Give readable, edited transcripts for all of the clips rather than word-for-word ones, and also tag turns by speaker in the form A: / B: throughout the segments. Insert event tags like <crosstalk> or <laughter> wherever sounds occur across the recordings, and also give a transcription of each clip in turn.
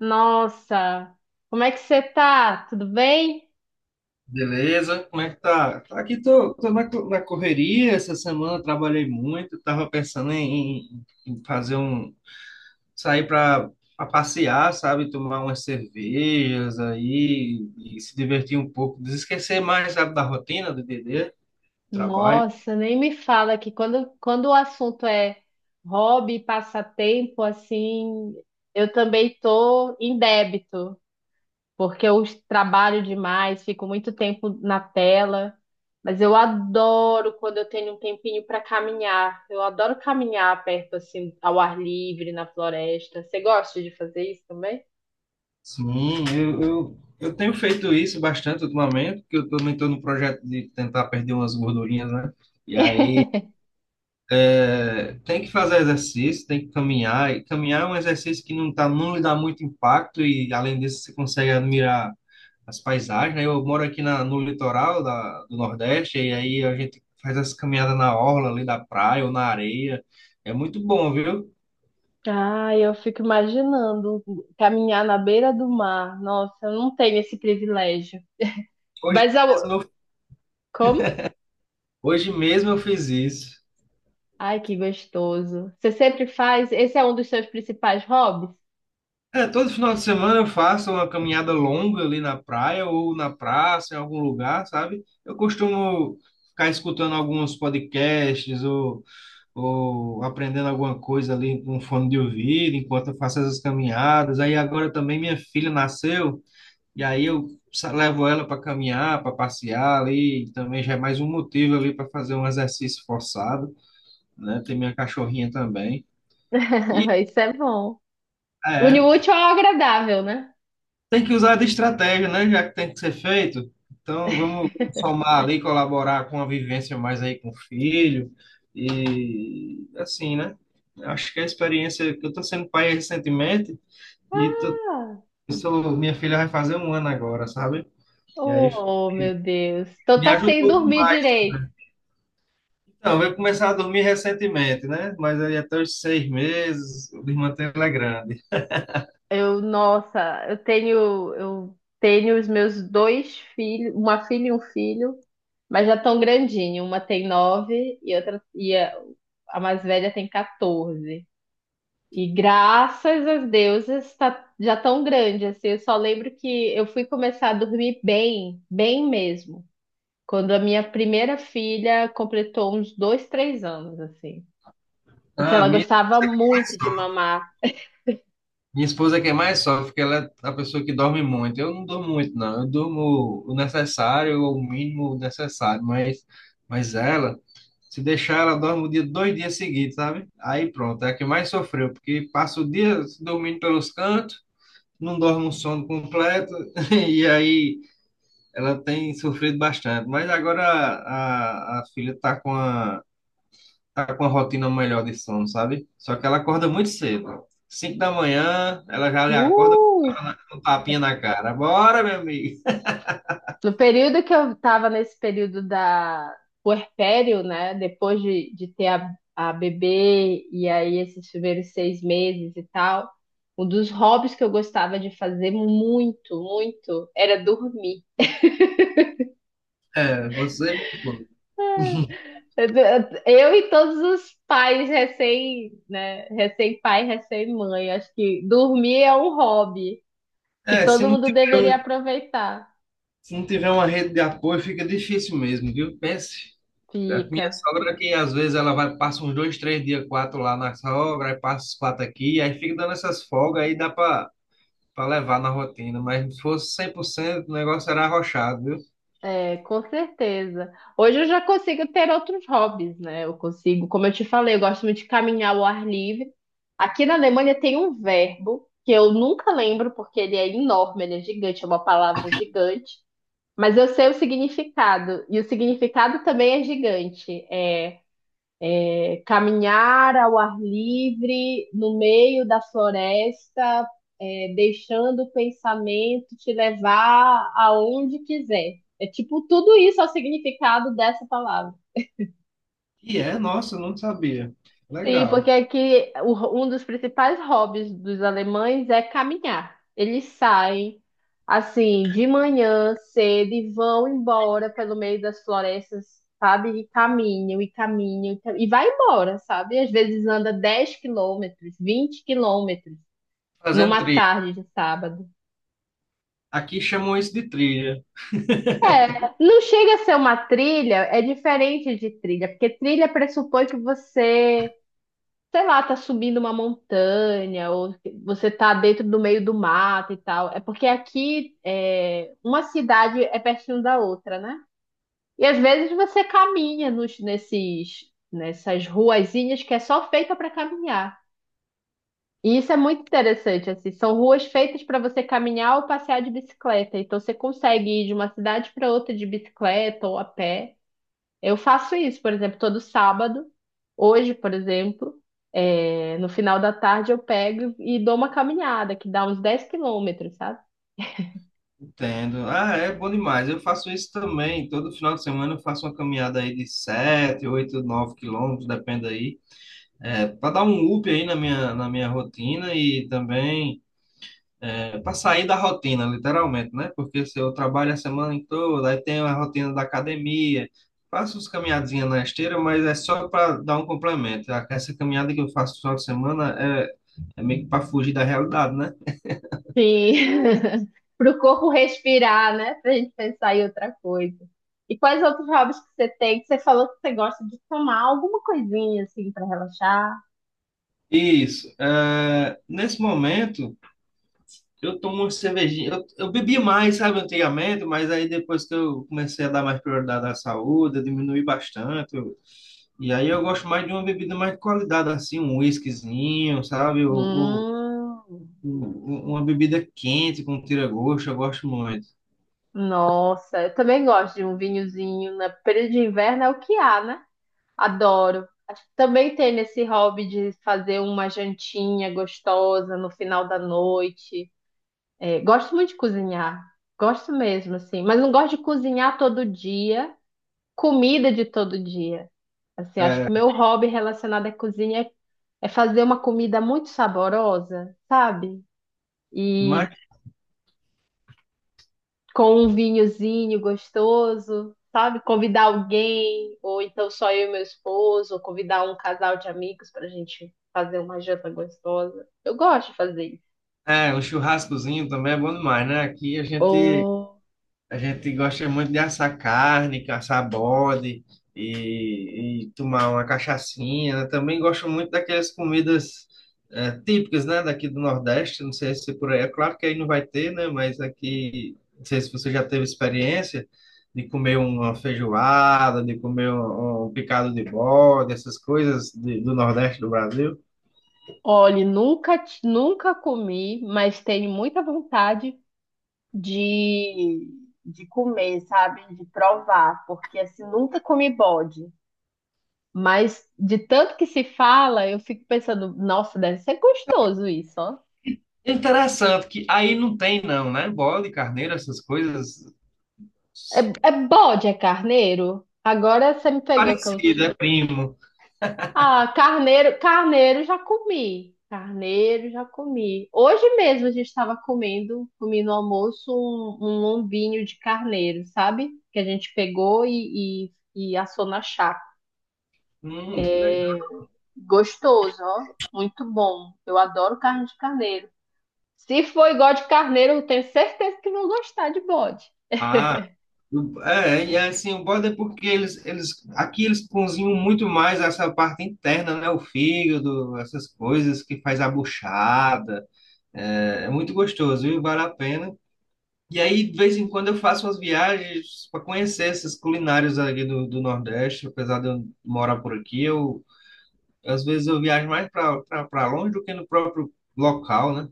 A: Nossa, como é que você tá? Tudo bem?
B: Beleza? Como é que tá? Tá Aqui tô, tô na, co- Na correria essa semana, eu trabalhei muito, tava pensando em fazer sair para passear, sabe? Tomar umas cervejas aí e se divertir um pouco, desesquecer mais, sabe, da rotina do DD, trabalho.
A: Nossa, nem me fala que quando o assunto é hobby, passatempo, assim, eu também tô em débito, porque eu trabalho demais, fico muito tempo na tela, mas eu adoro quando eu tenho um tempinho para caminhar. Eu adoro caminhar perto, assim, ao ar livre, na floresta. Você gosta de fazer isso também?
B: Sim, eu tenho feito isso bastante ultimamente, porque eu também tô no projeto de tentar perder umas gordurinhas, né? E aí É, tem que fazer exercício, tem que caminhar. E caminhar é um exercício que não lhe dá muito impacto, e além disso, você consegue admirar as paisagens. Né? Eu moro aqui no litoral do Nordeste, e aí a gente faz essa caminhada na orla ali da praia ou na areia. É muito bom, viu?
A: Ah, eu fico imaginando caminhar na beira do mar. Nossa, eu não tenho esse privilégio.
B: Hoje
A: Mas eu...
B: mesmo eu,
A: Como?
B: hoje mesmo eu fiz isso.
A: Ai, que gostoso. Você sempre faz? Esse é um dos seus principais hobbies?
B: É, todo final de semana eu faço uma caminhada longa ali na praia ou na praça, em algum lugar, sabe? Eu costumo ficar escutando alguns podcasts ou aprendendo alguma coisa ali com fone de ouvido, enquanto eu faço essas caminhadas. Aí agora também minha filha nasceu, e aí eu levo ela para caminhar, para passear ali, também já é mais um motivo ali para fazer um exercício forçado, né? Tem minha cachorrinha também. E
A: <laughs> Isso é bom. Une
B: é,
A: o útil ao agradável, né?
B: tem que usar de estratégia, né? Já que tem que ser feito. Então vamos somar ali, colaborar com a vivência mais aí com o filho. E assim, né? Acho que a experiência que eu estou sendo pai recentemente, E tu-
A: Ah,
B: eu sou, minha filha vai fazer um ano agora, sabe? E aí
A: oh, meu Deus. Então
B: me
A: tá sem
B: ajudou
A: dormir
B: demais.
A: direito.
B: Então, eu comecei a dormir recentemente, né? Mas aí até os seis meses, o manter ela é grande.
A: Nossa, eu tenho os meus dois filhos, uma filha e um filho. Mas já tão grandinho. Uma tem nove e outra e a mais velha tem 14. E graças às deusas tá já tão grande assim. Eu só lembro que eu fui começar a dormir bem, bem mesmo, quando a minha primeira filha completou uns 2, 3 anos assim, porque
B: Ah,
A: ela gostava muito de mamar.
B: minha esposa que é mais sofre, porque ela é a pessoa que dorme muito. Eu não durmo muito, não. Eu durmo o necessário, ou o mínimo necessário. Mas ela, se deixar, ela dorme o dia, dois dias seguidos, sabe? Aí pronto, é a que mais sofreu, porque passa o dia dormindo pelos cantos, não dorme um sono completo, <laughs> e aí. Ela tem sofrido bastante, mas agora a filha tá com a rotina melhor de sono, sabe? Só que ela acorda muito cedo. Cinco da manhã, ela já lhe acorda
A: Uh!
B: com um tapinha na cara. Bora, meu amigo.
A: No período que eu estava nesse período da puerpério, né? Depois de ter a bebê e aí esses primeiros 6 meses e tal, um dos hobbies que eu gostava de fazer muito, muito, era dormir.
B: É, você.
A: Eu e todos os pais recém, né? Recém-pai, recém-mãe. Acho que dormir é um hobby que
B: É, <laughs>
A: todo mundo deveria aproveitar.
B: se não tiver uma rede de apoio, fica difícil mesmo, viu? Pense. A minha
A: Fica.
B: sogra que às vezes ela vai, passa uns dois, três dias, quatro lá na sogra, aí passa os quatro aqui, aí fica dando essas folgas, aí dá para levar na rotina, mas se fosse 100% o negócio era arrochado, viu?
A: É, com certeza. Hoje eu já consigo ter outros hobbies, né? Eu consigo, como eu te falei, eu gosto muito de caminhar ao ar livre. Aqui na Alemanha tem um verbo que eu nunca lembro porque ele é enorme, ele é gigante, é uma palavra gigante, mas eu sei o significado, e o significado também é gigante. É, caminhar ao ar livre, no meio da floresta, é, deixando o pensamento te levar aonde quiser. É tipo tudo isso é o significado dessa palavra.
B: E é, nossa, eu não sabia.
A: Sim,
B: Legal.
A: porque aqui um dos principais hobbies dos alemães é caminhar. Eles saem assim de manhã cedo e vão embora pelo meio das florestas, sabe? E caminham e caminham e e vai embora, sabe? Às vezes anda 10 km, 20 km
B: Fazendo
A: numa
B: trilha.
A: tarde de sábado.
B: Aqui chamam isso de trilha.
A: É, não chega a ser uma trilha, é diferente de trilha, porque trilha pressupõe que você sei lá, tá subindo uma montanha, ou você tá dentro do meio do mato e tal. É porque aqui é, uma cidade é pertinho da outra, né? E às vezes você caminha nessas ruazinhas que é só feita para caminhar. E isso é muito interessante, assim, são ruas feitas para você caminhar ou passear de bicicleta. Então você consegue ir de uma cidade para outra de bicicleta ou a pé. Eu faço isso, por exemplo, todo sábado. Hoje, por exemplo, no final da tarde eu pego e dou uma caminhada, que dá uns 10 km, sabe?
B: Entendo. Ah, é bom demais. Eu faço isso também. Todo final de semana eu faço uma caminhada aí de 7, 8, 9 km, depende aí. É, para dar um up aí na minha rotina e também é, para sair da rotina, literalmente, né? Porque se eu trabalho a semana toda, aí tem a rotina da academia, faço uns caminhadinhas na esteira, mas é só para dar um complemento. Essa caminhada que eu faço no final de semana é, é meio que para fugir da realidade, né?
A: Sim. <laughs> Para o corpo respirar, né? Para a gente pensar em outra coisa. E quais outros hobbies que você tem? Que você falou que você gosta de tomar alguma coisinha assim para relaxar?
B: Isso. É, nesse momento, eu tomo uma cervejinha. Eu bebi mais, sabe, antigamente, mas aí depois que eu comecei a dar mais prioridade à saúde, eu diminui bastante. E aí eu gosto mais de uma bebida mais de qualidade, assim, um whiskyzinho, sabe? Ou,
A: Hum,
B: Uma bebida quente com tira-gosto, eu gosto muito.
A: Nossa, eu também gosto de um vinhozinho. Na período de inverno é o que há, né? Adoro. Também tenho esse hobby de fazer uma jantinha gostosa no final da noite. É, gosto muito de cozinhar. Gosto mesmo, assim. Mas não gosto de cozinhar todo dia, comida de todo dia. Assim, acho que
B: É,
A: o meu hobby relacionado à cozinha é fazer uma comida muito saborosa, sabe?
B: mas
A: E com um vinhozinho gostoso, sabe? Convidar alguém, ou então só eu e meu esposo, ou convidar um casal de amigos para a gente fazer uma janta gostosa. Eu gosto de fazer isso.
B: é, um churrascozinho também é bom demais, né? Aqui a gente
A: Ou,
B: A gente gosta muito de assar carne, caçar bode e tomar uma cachaçinha. Eu também gosto muito daquelas comidas típicas, né, daqui do Nordeste. Não sei se por aí, é claro que aí não vai ter, né, mas aqui, não sei se você já teve experiência de comer uma feijoada, de comer um picado de bode, essas coisas do Nordeste do Brasil.
A: olha, nunca comi, mas tenho muita vontade de, de comer, sabe? De provar, porque assim, nunca comi bode. Mas de tanto que se fala, eu fico pensando, nossa, deve ser gostoso isso, ó.
B: Interessante que aí não tem não, né? Bode, carneiro, essas coisas
A: É bode, é carneiro? Agora você me pegou que eu.
B: parecidas, é primo.
A: Ah, carneiro, carneiro já comi. Carneiro já comi. Hoje mesmo a gente estava comendo, comi no almoço um lombinho de carneiro, sabe? Que a gente pegou e assou na chapa.
B: Que legal.
A: É gostoso, ó. Muito bom. Eu adoro carne de carneiro. Se for igual de carneiro, eu tenho certeza que vão gostar de bode.
B: Ah, é, e assim, o bode é porque aqui eles cozinham muito mais essa parte interna, né? O fígado, essas coisas que faz a buchada. É, é muito gostoso, viu? Vale a pena. E aí, de vez em quando, eu faço umas viagens para conhecer essas culinárias ali do Nordeste, apesar de eu morar por aqui, eu, às vezes eu viajo mais para longe do que no próprio local, né?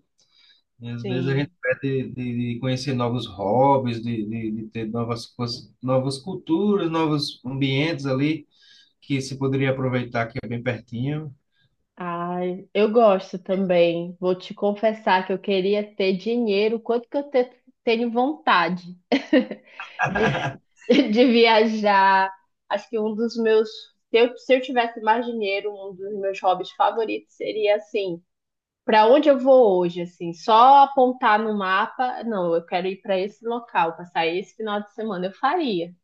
B: E às vezes a
A: Sim.
B: gente perde de conhecer novos hobbies, de ter novas coisas, novas culturas, novos ambientes ali que se poderia aproveitar, que é bem pertinho.
A: Ai, eu gosto também. Vou te confessar que eu queria ter dinheiro, quanto que eu tenho vontade <laughs> de, de viajar. Acho que um dos meus, se eu tivesse mais dinheiro, um dos meus hobbies favoritos seria assim, para onde eu vou hoje, assim, só apontar no mapa, não, eu quero ir para esse local, passar esse final de semana, eu faria.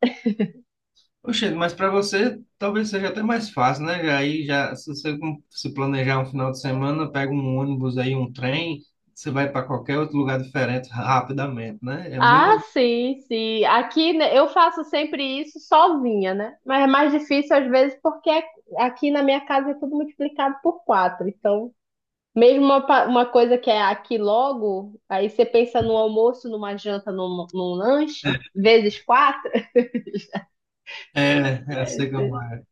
B: Oxe, mas para você talvez seja até mais fácil, né? Se você se planejar um final de semana, pega um ônibus aí, um trem, você vai para qualquer outro lugar diferente rapidamente, né? É menos.
A: Ah, sim, sim. Aqui né, eu faço sempre isso sozinha, né? Mas é mais difícil às vezes porque é, aqui na minha casa é tudo multiplicado por quatro. Então, mesmo uma coisa que é aqui logo, aí você pensa no almoço, numa janta, num lanche, vezes quatro.
B: É, eu sei como é.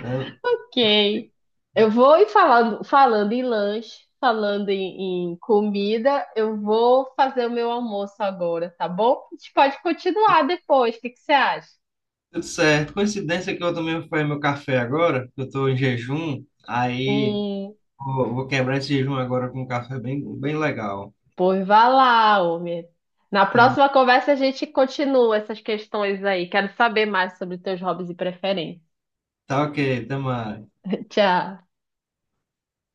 B: É,
A: Ok. Eu vou e Falando, falando em lanche, falando em comida, eu vou fazer o meu almoço agora, tá bom? A gente pode continuar depois. O que que você acha?
B: tudo certo. Coincidência que eu também fui fazer meu café agora, que eu estou em jejum. Aí.
A: Hum.
B: Vou quebrar esse jejum agora com um café bem legal.
A: Pois vá lá, homem. Na
B: Tá,
A: próxima conversa a gente continua essas questões aí. Quero saber mais sobre teus hobbies e preferências.
B: tá ok, tamo mais.
A: <laughs> Tchau.